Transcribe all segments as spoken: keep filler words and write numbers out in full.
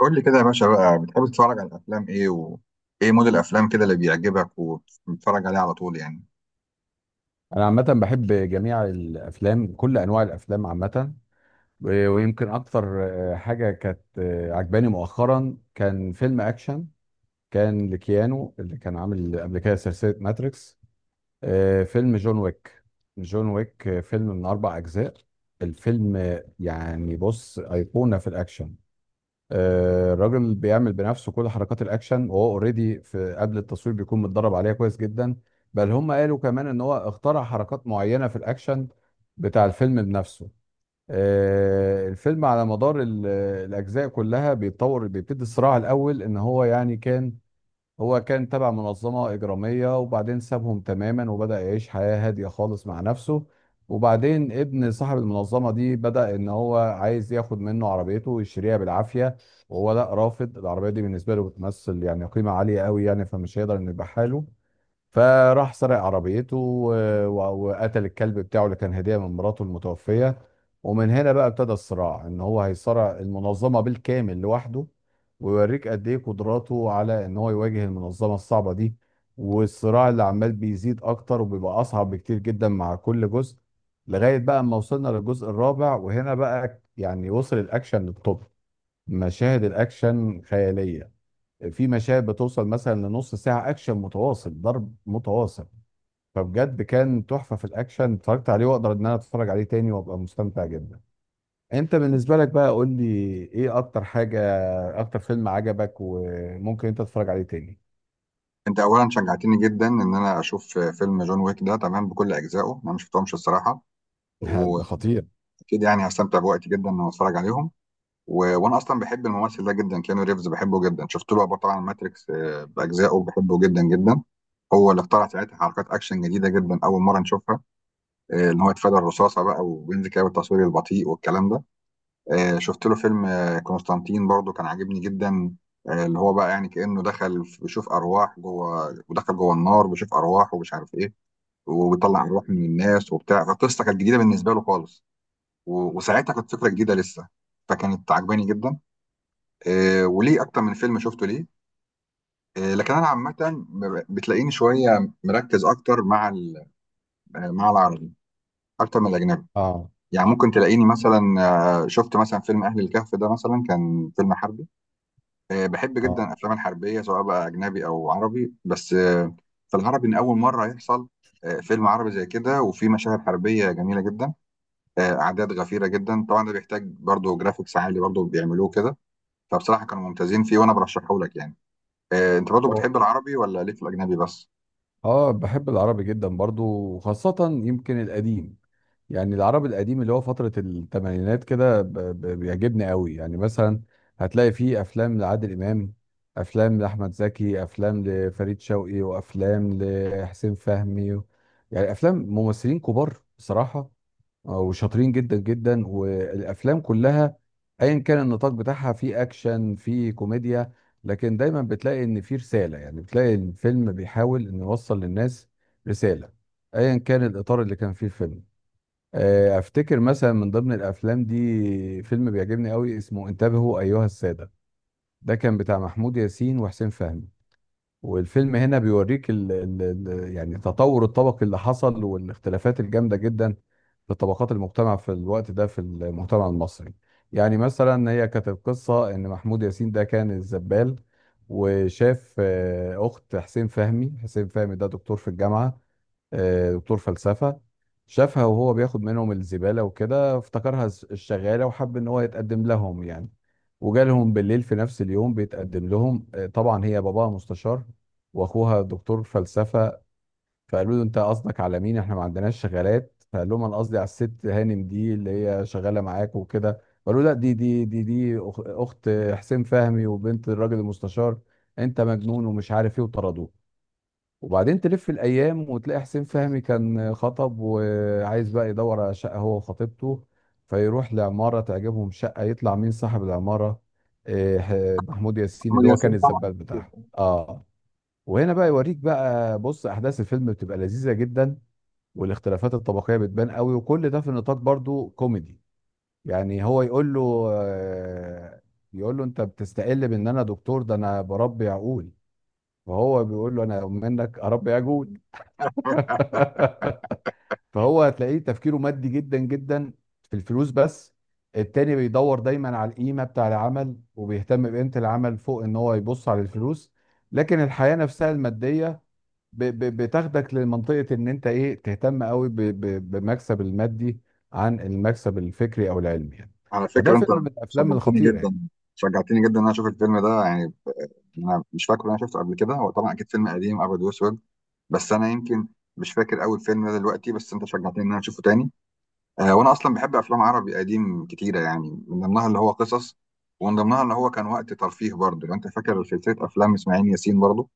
قول لي كده يا باشا بقى، بتحب تتفرج على الافلام ايه؟ وايه مود الافلام كده اللي بيعجبك وبتتفرج عليه على طول يعني؟ انا عامه بحب جميع الافلام، كل انواع الافلام عامه. و- ويمكن اكتر. آه، حاجه كانت آه، عجباني مؤخرا، كان فيلم اكشن كان لكيانو اللي كان عامل قبل كده سلسله ماتريكس. آه، فيلم جون ويك. جون ويك، آه، فيلم من اربع اجزاء. الفيلم آه، يعني بص ايقونه في الاكشن. آه، الراجل بيعمل بنفسه كل حركات الاكشن، وهو اوريدي في قبل التصوير بيكون متدرب عليها كويس جدا. بل هم قالوا كمان ان هو اخترع حركات معينه في الاكشن بتاع الفيلم بنفسه. آه، الفيلم على مدار ال- الاجزاء كلها بيتطور. بيبتدي الصراع الاول ان هو يعني كان، هو كان تبع منظمة إجرامية، وبعدين سابهم تماما وبدأ يعيش حياة هادية خالص مع نفسه. وبعدين ابن صاحب المنظمة دي بدأ إن هو عايز ياخد منه عربيته ويشتريها بالعافية، وهو لا رافض. العربية دي بالنسبة له بتمثل يعني قيمة عالية قوي يعني، فمش هيقدر إنه يبيعها له. فراح سرق عربيته و- و- وقتل الكلب بتاعه اللي كان هدية من مراته المتوفية. ومن هنا بقى ابتدى الصراع، ان هو هيصارع المنظمة بالكامل لوحده، ويوريك قد ايه قدراته على ان هو يواجه المنظمة الصعبة دي. والصراع اللي عمال بيزيد اكتر وبيبقى اصعب بكتير جدا مع كل جزء، لغاية بقى اما وصلنا للجزء الرابع وهنا بقى يعني وصل الاكشن للطب. مشاهد الاكشن خيالية، في مشاهد بتوصل مثلا لنص ساعة أكشن متواصل، ضرب متواصل. فبجد كان تحفة في الأكشن، اتفرجت عليه وأقدر إن أنا أتفرج عليه تاني وأبقى مستمتع جدا. أنت بالنسبة لك بقى قول لي، إيه أكتر حاجة، أكتر فيلم عجبك وممكن أنت تتفرج عليه تاني. انت اولا شجعتني جدا ان انا اشوف فيلم جون ويك ده تمام بكل اجزائه. انا مش شفتهمش الصراحه، لا، ده واكيد خطير. يعني هستمتع بوقتي جدا ان أنا اتفرج عليهم. و... وانا اصلا بحب الممثل ده جدا، كيانو ريفز بحبه جدا. شفت له بقى طبعا ماتريكس، آه، باجزائه بحبه جدا جدا. هو اللي اخترع ساعتها حركات اكشن جديده جدا، اول مره نشوفها، آه، ان هو يتفادى الرصاصه بقى وينزل كده بالتصوير البطيء والكلام ده. آه، شفت له فيلم آه، كونستانتين برضو، كان عاجبني جدا، آه، اللي هو بقى يعني كأنه دخل في- بيشوف أرواح جوه، ودخل جوه النار بيشوف أرواح ومش عارف إيه، وبيطلع أرواح من الناس وبتاع. فالقصة كانت جديدة بالنسبة له خالص، و- وساعتها كانت فكرة جديدة لسه، فكانت عجباني جدا. آه، وليه أكتر من فيلم شفته ليه. آه، لكن أنا عامة بتلاقيني شوية مركز أكتر مع ال- آه، مع العربي أكتر من الأجنبي. آه. يعني ممكن تلاقيني مثلا، آه، شفت مثلا فيلم أهل الكهف ده مثلا، كان فيلم حربي. آه، بحب جدا آه. الافلام الحربيه سواء بقى اجنبي او عربي، بس آه، في العربي ان اول مره يحصل آه، فيلم عربي زي كده، وفي مشاهد حربيه جميله جدا، آه، اعداد غفيره جدا. طبعا ده بيحتاج برضو جرافيكس عالي، برضو بيعملوه كده. فبصراحه كانوا ممتازين فيه، وانا برشحه لك يعني. آه، انت برضو اه. بتحب العربي، ولا ليك في الاجنبي بس؟ آه، بحب العربي جدا برضو، وخاصة يمكن القديم. يعني العرب القديم اللي هو فترة الثمانينات كده ب- ب- بيعجبني قوي. يعني مثلا هتلاقي فيه أفلام لعادل إمام، أفلام لأحمد زكي، أفلام لفريد شوقي، وأفلام لحسين فهمي. يعني أفلام ممثلين كبار بصراحة، آه، وشاطرين جدا جدا. والأفلام كلها أيا كان النطاق بتاعها، فيه أكشن، فيه كوميديا، لكن دايما بتلاقي إن فيه رسالة. يعني بتلاقي الفيلم بيحاول إنه يوصل للناس رسالة، أيا كان الإطار اللي كان فيه الفيلم. آه، افتكر مثلا من ضمن الافلام دي، فيلم بيعجبني قوي اسمه انتبهوا ايها السادة. ده كان بتاع محمود ياسين وحسين فهمي. والفيلم هنا بيوريك ال ال ال يعني تطور الطبقي اللي حصل، والاختلافات الجامدة جدا في طبقات المجتمع في الوقت ده، في المجتمع المصري. يعني مثلا هي كانت القصة، ان محمود ياسين ده كان الزبال، وشاف آه، اخت حسين فهمي. حسين فهمي ده دكتور في الجامعة، آه، دكتور فلسفة. شافها وهو بياخد منهم الزبالة وكده، افتكرها الز- الشغالة، وحب ان هو يتقدم لهم يعني. وجالهم بالليل في نفس اليوم بيتقدم لهم. آه، طبعا هي باباها مستشار، واخوها دكتور فلسفة. فقالوا له انت قصدك على مين، احنا ما عندناش شغالات. فقال لهم انا قصدي على الست هانم دي اللي هي شغالة معاك وكده. قالوا لا، دي دي دي دي أخ- اخت حسين فهمي وبنت الراجل المستشار، انت مجنون ومش عارف ايه، وطردوه. وبعدين تلف الايام، وتلاقي حسين فهمي كان خطب وعايز بقى يدور على شقه هو وخطيبته. فيروح لعماره تعجبهم شقه، يطلع مين صاحب العماره؟ إيه، ح- محمود ياسين محمد اللي هو كان ياسين طبعا. الزبال بتاعهم. اه. وهنا بقى يوريك بقى، بص احداث الفيلم بتبقى لذيذه جدا، والاختلافات الطبقيه بتبان قوي، وكل ده في نطاق برضو كوميدي. يعني هو يقول له آه، يقول له انت بتستقل بان انا دكتور، ده انا بربي عقول. فهو بيقول له انا منك اربي عجول. فهو هتلاقيه تفكيره مادي جدا جدا، في الفلوس بس. التاني بيدور دايما على القيمة بتاع العمل، وبيهتم بقيمة العمل فوق ان هو يبص على الفلوس. لكن الحياة نفسها المادية ب- ب- بتاخدك لمنطقة ان انت ايه، تهتم قوي ب- ب- بمكسب المادي عن المكسب الفكري او العلمي يعني. على فده فكره، انت فيلم من الافلام شجعتني الخطيرة جدا، يعني. شجعتني جدا ان انا اشوف الفيلم ده يعني. انا مش فاكر ان انا شفته قبل كده، هو طبعا اكيد فيلم قديم ابيض واسود، بس انا يمكن مش فاكر اول فيلم ده دلوقتي، بس انت شجعتني ان انا اشوفه تاني. آه، وانا اصلا بحب افلام عربي قديم كتيره، يعني من ضمنها اللي هو قصص، ومن ضمنها اللي هو كان وقت ترفيه برضه. لو انت فاكر سلسله افلام اسماعيل ياسين برضه،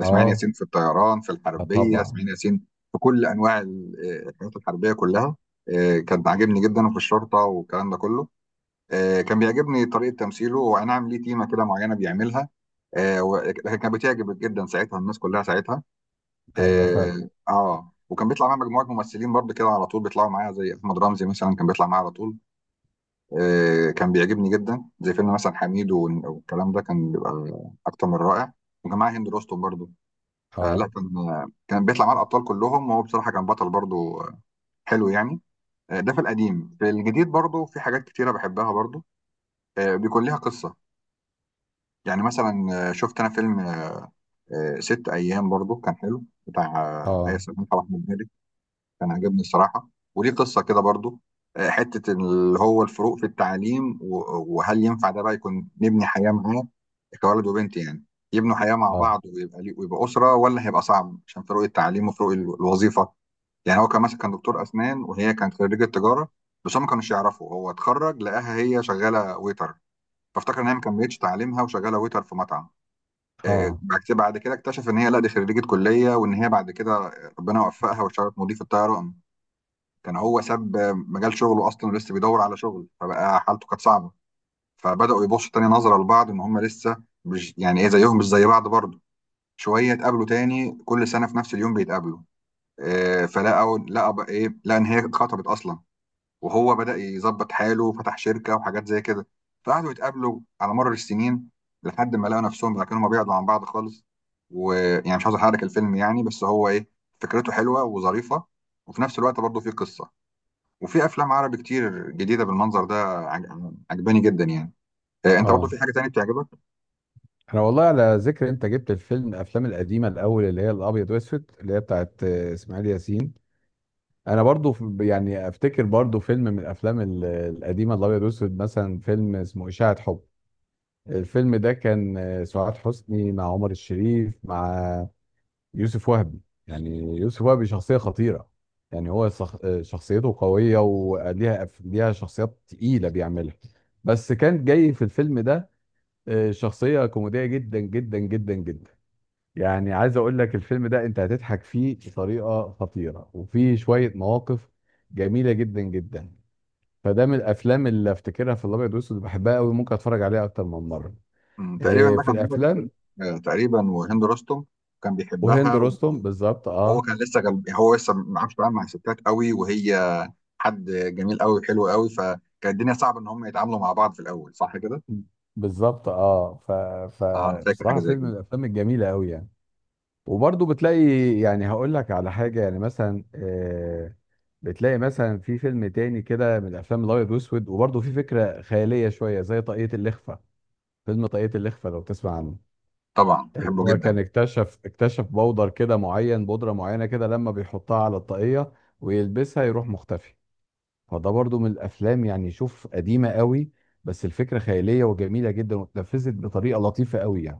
اسماعيل اه. ياسين في الطيران، في آه الحربيه، طبعا. اسماعيل ياسين في كل انواع ال- آه، الحاجات الحربيه كلها. آه، كان عاجبني جدا، وفي الشرطه والكلام ده كله. آه، كان بيعجبني طريقه تمثيله، واي نعم ليه تيمه كده معينه بيعملها، آه و- لكن كانت بتعجب جدا ساعتها، الناس كلها ساعتها. ايوه فعلا. اه آه. وكان بيطلع معايا مجموعه ممثلين برضه كده على طول، بيطلعوا معايا زي احمد رمزي مثلا، كان بيطلع معايا على طول. آه، كان بيعجبني جدا زي فيلم مثلا حميد وال- والكلام ده، كان بيبقى اكتر من رائع. وكان معايا هند رستم برضه. فلا اه. كان كان بيطلع معايا الابطال كلهم، وهو بصراحه كان بطل برضه حلو يعني. آه، ده في القديم. في الجديد برضه في حاجات كتيره بحبها برضه، آه، بيكون ليها قصه. يعني مثلا آه، شفت انا فيلم آه، ست ايام برضه، كان حلو، بتاع آه، آية اه. سلمان طبعا. كان عجبني الصراحة، وليه قصة كده برضو، آه، حتة اللي هو الفروق في التعليم، و- وهل ينفع ده بقى يكون نبني حياة معاه كولد وبنت يعني؟ يبنوا حياة مع اه. بعض ويبقى لي- ويبقى أسرة، ولا هيبقى صعب عشان فروق التعليم وفروق ال- الوظيفة؟ يعني هو كان مثلا كان دكتور أسنان، وهي كانت خريجة تجارة، بس هم ما كانوش يعرفوا. هو اتخرج لقاها هي شغالة ويتر، فافتكر إن هي ما كملتش تعليمها وشغالة ويتر في مطعم. آه، اه. بعد كده بعد كده اكتشف إن هي لا، دي خريجة كلية، وإن هي بعد كده ربنا وفقها واشتغلت مضيف الطيران. كان هو ساب مجال شغله اصلا، ولسه بيدور على شغل، فبقى حالته كانت صعبه. فبداوا يبصوا تاني نظره لبعض ان هم لسه مش يعني ايه زيهم، مش زي بعض برضه شويه. اتقابلوا تاني، كل سنه في نفس اليوم بيتقابلوا، آه، فلقوا لقى بقى ايه لقى ان هي اتخطبت اصلا، وهو بدا يظبط حاله وفتح شركه وحاجات زي كده. فقعدوا يتقابلوا على مر السنين، لحد ما لقوا نفسهم بقى كانوا ما بيبعدوا عن بعض خالص. ويعني مش عاوز احرق الفيلم يعني، بس هو ايه، فكرته حلوه وظريفه، وفي نفس الوقت برضه فيه قصه. وفي افلام عربي كتير جديده بالمنظر ده عج- عجباني جدا يعني. آه، انت برضو اه. في حاجه تانية بتعجبك؟ احنا والله على ذكر، انت جبت الفيلم، الافلام القديمه الاول اللي هي الابيض واسود اللي هي بتاعت آه، اسماعيل ياسين. انا برضو ف- يعني افتكر برضو فيلم من الافلام ال- القديمه الابيض واسود، مثلا فيلم اسمه اشاعه حب. الفيلم ده كان آه، سعاد حسني مع عمر الشريف مع يوسف وهبي. يعني يوسف وهبي شخصيه خطيره، يعني هو صخ- آه، شخصيته قويه وليها أف- ليها شخصيات تقيله بيعملها. بس كان جاي في الفيلم ده آه، شخصيه كوميديه جدا جدا جدا جدا. يعني عايز اقول لك الفيلم ده انت هتضحك فيه بطريقه خطيره، وفيه شويه مواقف جميله جدا جدا. فده من الافلام اللي افتكرها في الابيض والاسود، بحبها قوي، ممكن اتفرج عليها اكتر من مره. مم، تقريبا إيه ده في كان عمر الافلام. الشريف، آه، تقريبا، وهند رستم كان وهند بيحبها. و- رستم بالظبط، وهو اه. كان لسه جنب، هو لسه ما عرفش يتعامل مع الستات قوي، وهي حد جميل قوي وحلو قوي، فكانت الدنيا صعبه ان هم يتعاملوا مع بعض في الاول، صح كده؟ بالظبط اه. ف... اه، انا فاكر حاجه فبصراحه زي فيلم من كده. الافلام الجميله قوي يعني. وبرضه بتلاقي، يعني هقول لك على حاجه، يعني مثلا آه، بتلاقي مثلا في فيلم تاني كده من الافلام الابيض والاسود، وبرضه في فكره خياليه شويه زي طاقية الإخفاء. فيلم طاقية الإخفاء لو تسمع عنه، طبعا اللي بحبه هو كان جدا. اكتشف اكتشف بودر كده معين، بودرة معينة كده، لما بيحطها على الطاقية ويلبسها يروح مختفي. فده برضو من الأفلام، يعني شوف قديمة قوي، بس الفكرة خيالية وجميلة جدا، واتنفذت بطريقة لطيفة قوي يعني.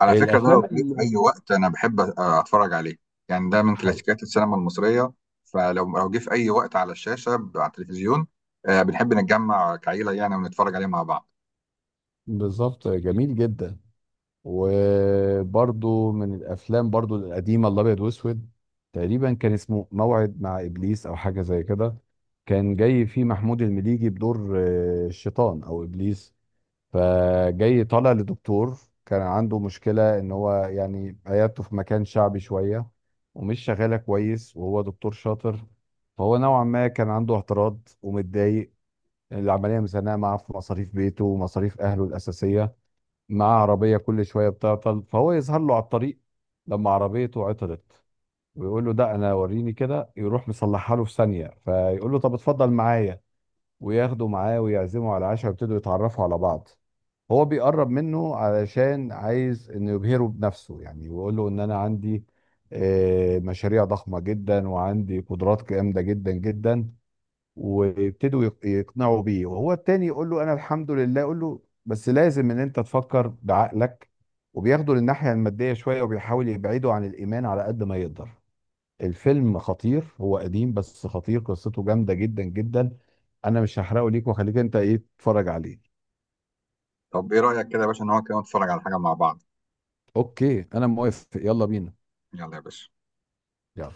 على فكرة، ده لو الأفلام جه في اللي أي وقت أنا بحب أ- أتفرج عليه، يعني ده من حي. كلاسيكيات السينما المصرية. فلو لو جه في أي وقت على الشاشة، ب- على التلفزيون، آه، بنحب نتجمع كعيلة يعني ونتفرج عليه مع بعض. بالظبط جميل جدا. وبرضو من الافلام برضو القديمه الابيض واسود، تقريبا كان اسمه موعد مع ابليس او حاجه زي كده. كان جاي فيه محمود المليجي بدور آه، الشيطان او ابليس. فجاي طالع لدكتور كان عنده مشكله ان هو يعني عيادته في مكان شعبي شويه، ومش شغاله كويس وهو دكتور شاطر. فهو نوعا ما كان عنده اعتراض ومتضايق. العمليه مزنقه معاه في مصاريف بيته ومصاريف اهله الاساسيه، مع عربية كل شوية بتعطل. فهو يظهر له على الطريق لما عربيته عطلت، ويقول له ده انا وريني كده، يروح مصلحها له في ثانية. فيقول له طب اتفضل معايا، وياخده معاه ويعزمه على عشاء، ويبتدوا يتعرفوا على بعض. هو بيقرب منه علشان عايز انه يبهره بنفسه يعني، ويقول له ان انا عندي آه، مشاريع ضخمة جدا وعندي قدرات جامدة جدا جدا. ويبتدوا يق- يقنعوا بيه، وهو التاني يقول له انا الحمد لله. يقول له بس لازم ان انت تفكر بعقلك، وبياخدوا للناحية المادية شوية، وبيحاول يبعدوا عن الإيمان على قد ما يقدر. الفيلم خطير، هو قديم بس خطير، قصته جامدة جدا جدا. انا مش هحرقه ليك، واخليك انت ايه تتفرج عليه. طب إيه رأيك كده يا باشا إن هو كده نتفرج على حاجة مع بعض؟ اوكي انا موافق، يلا بينا. يلا يا باشا. يلا.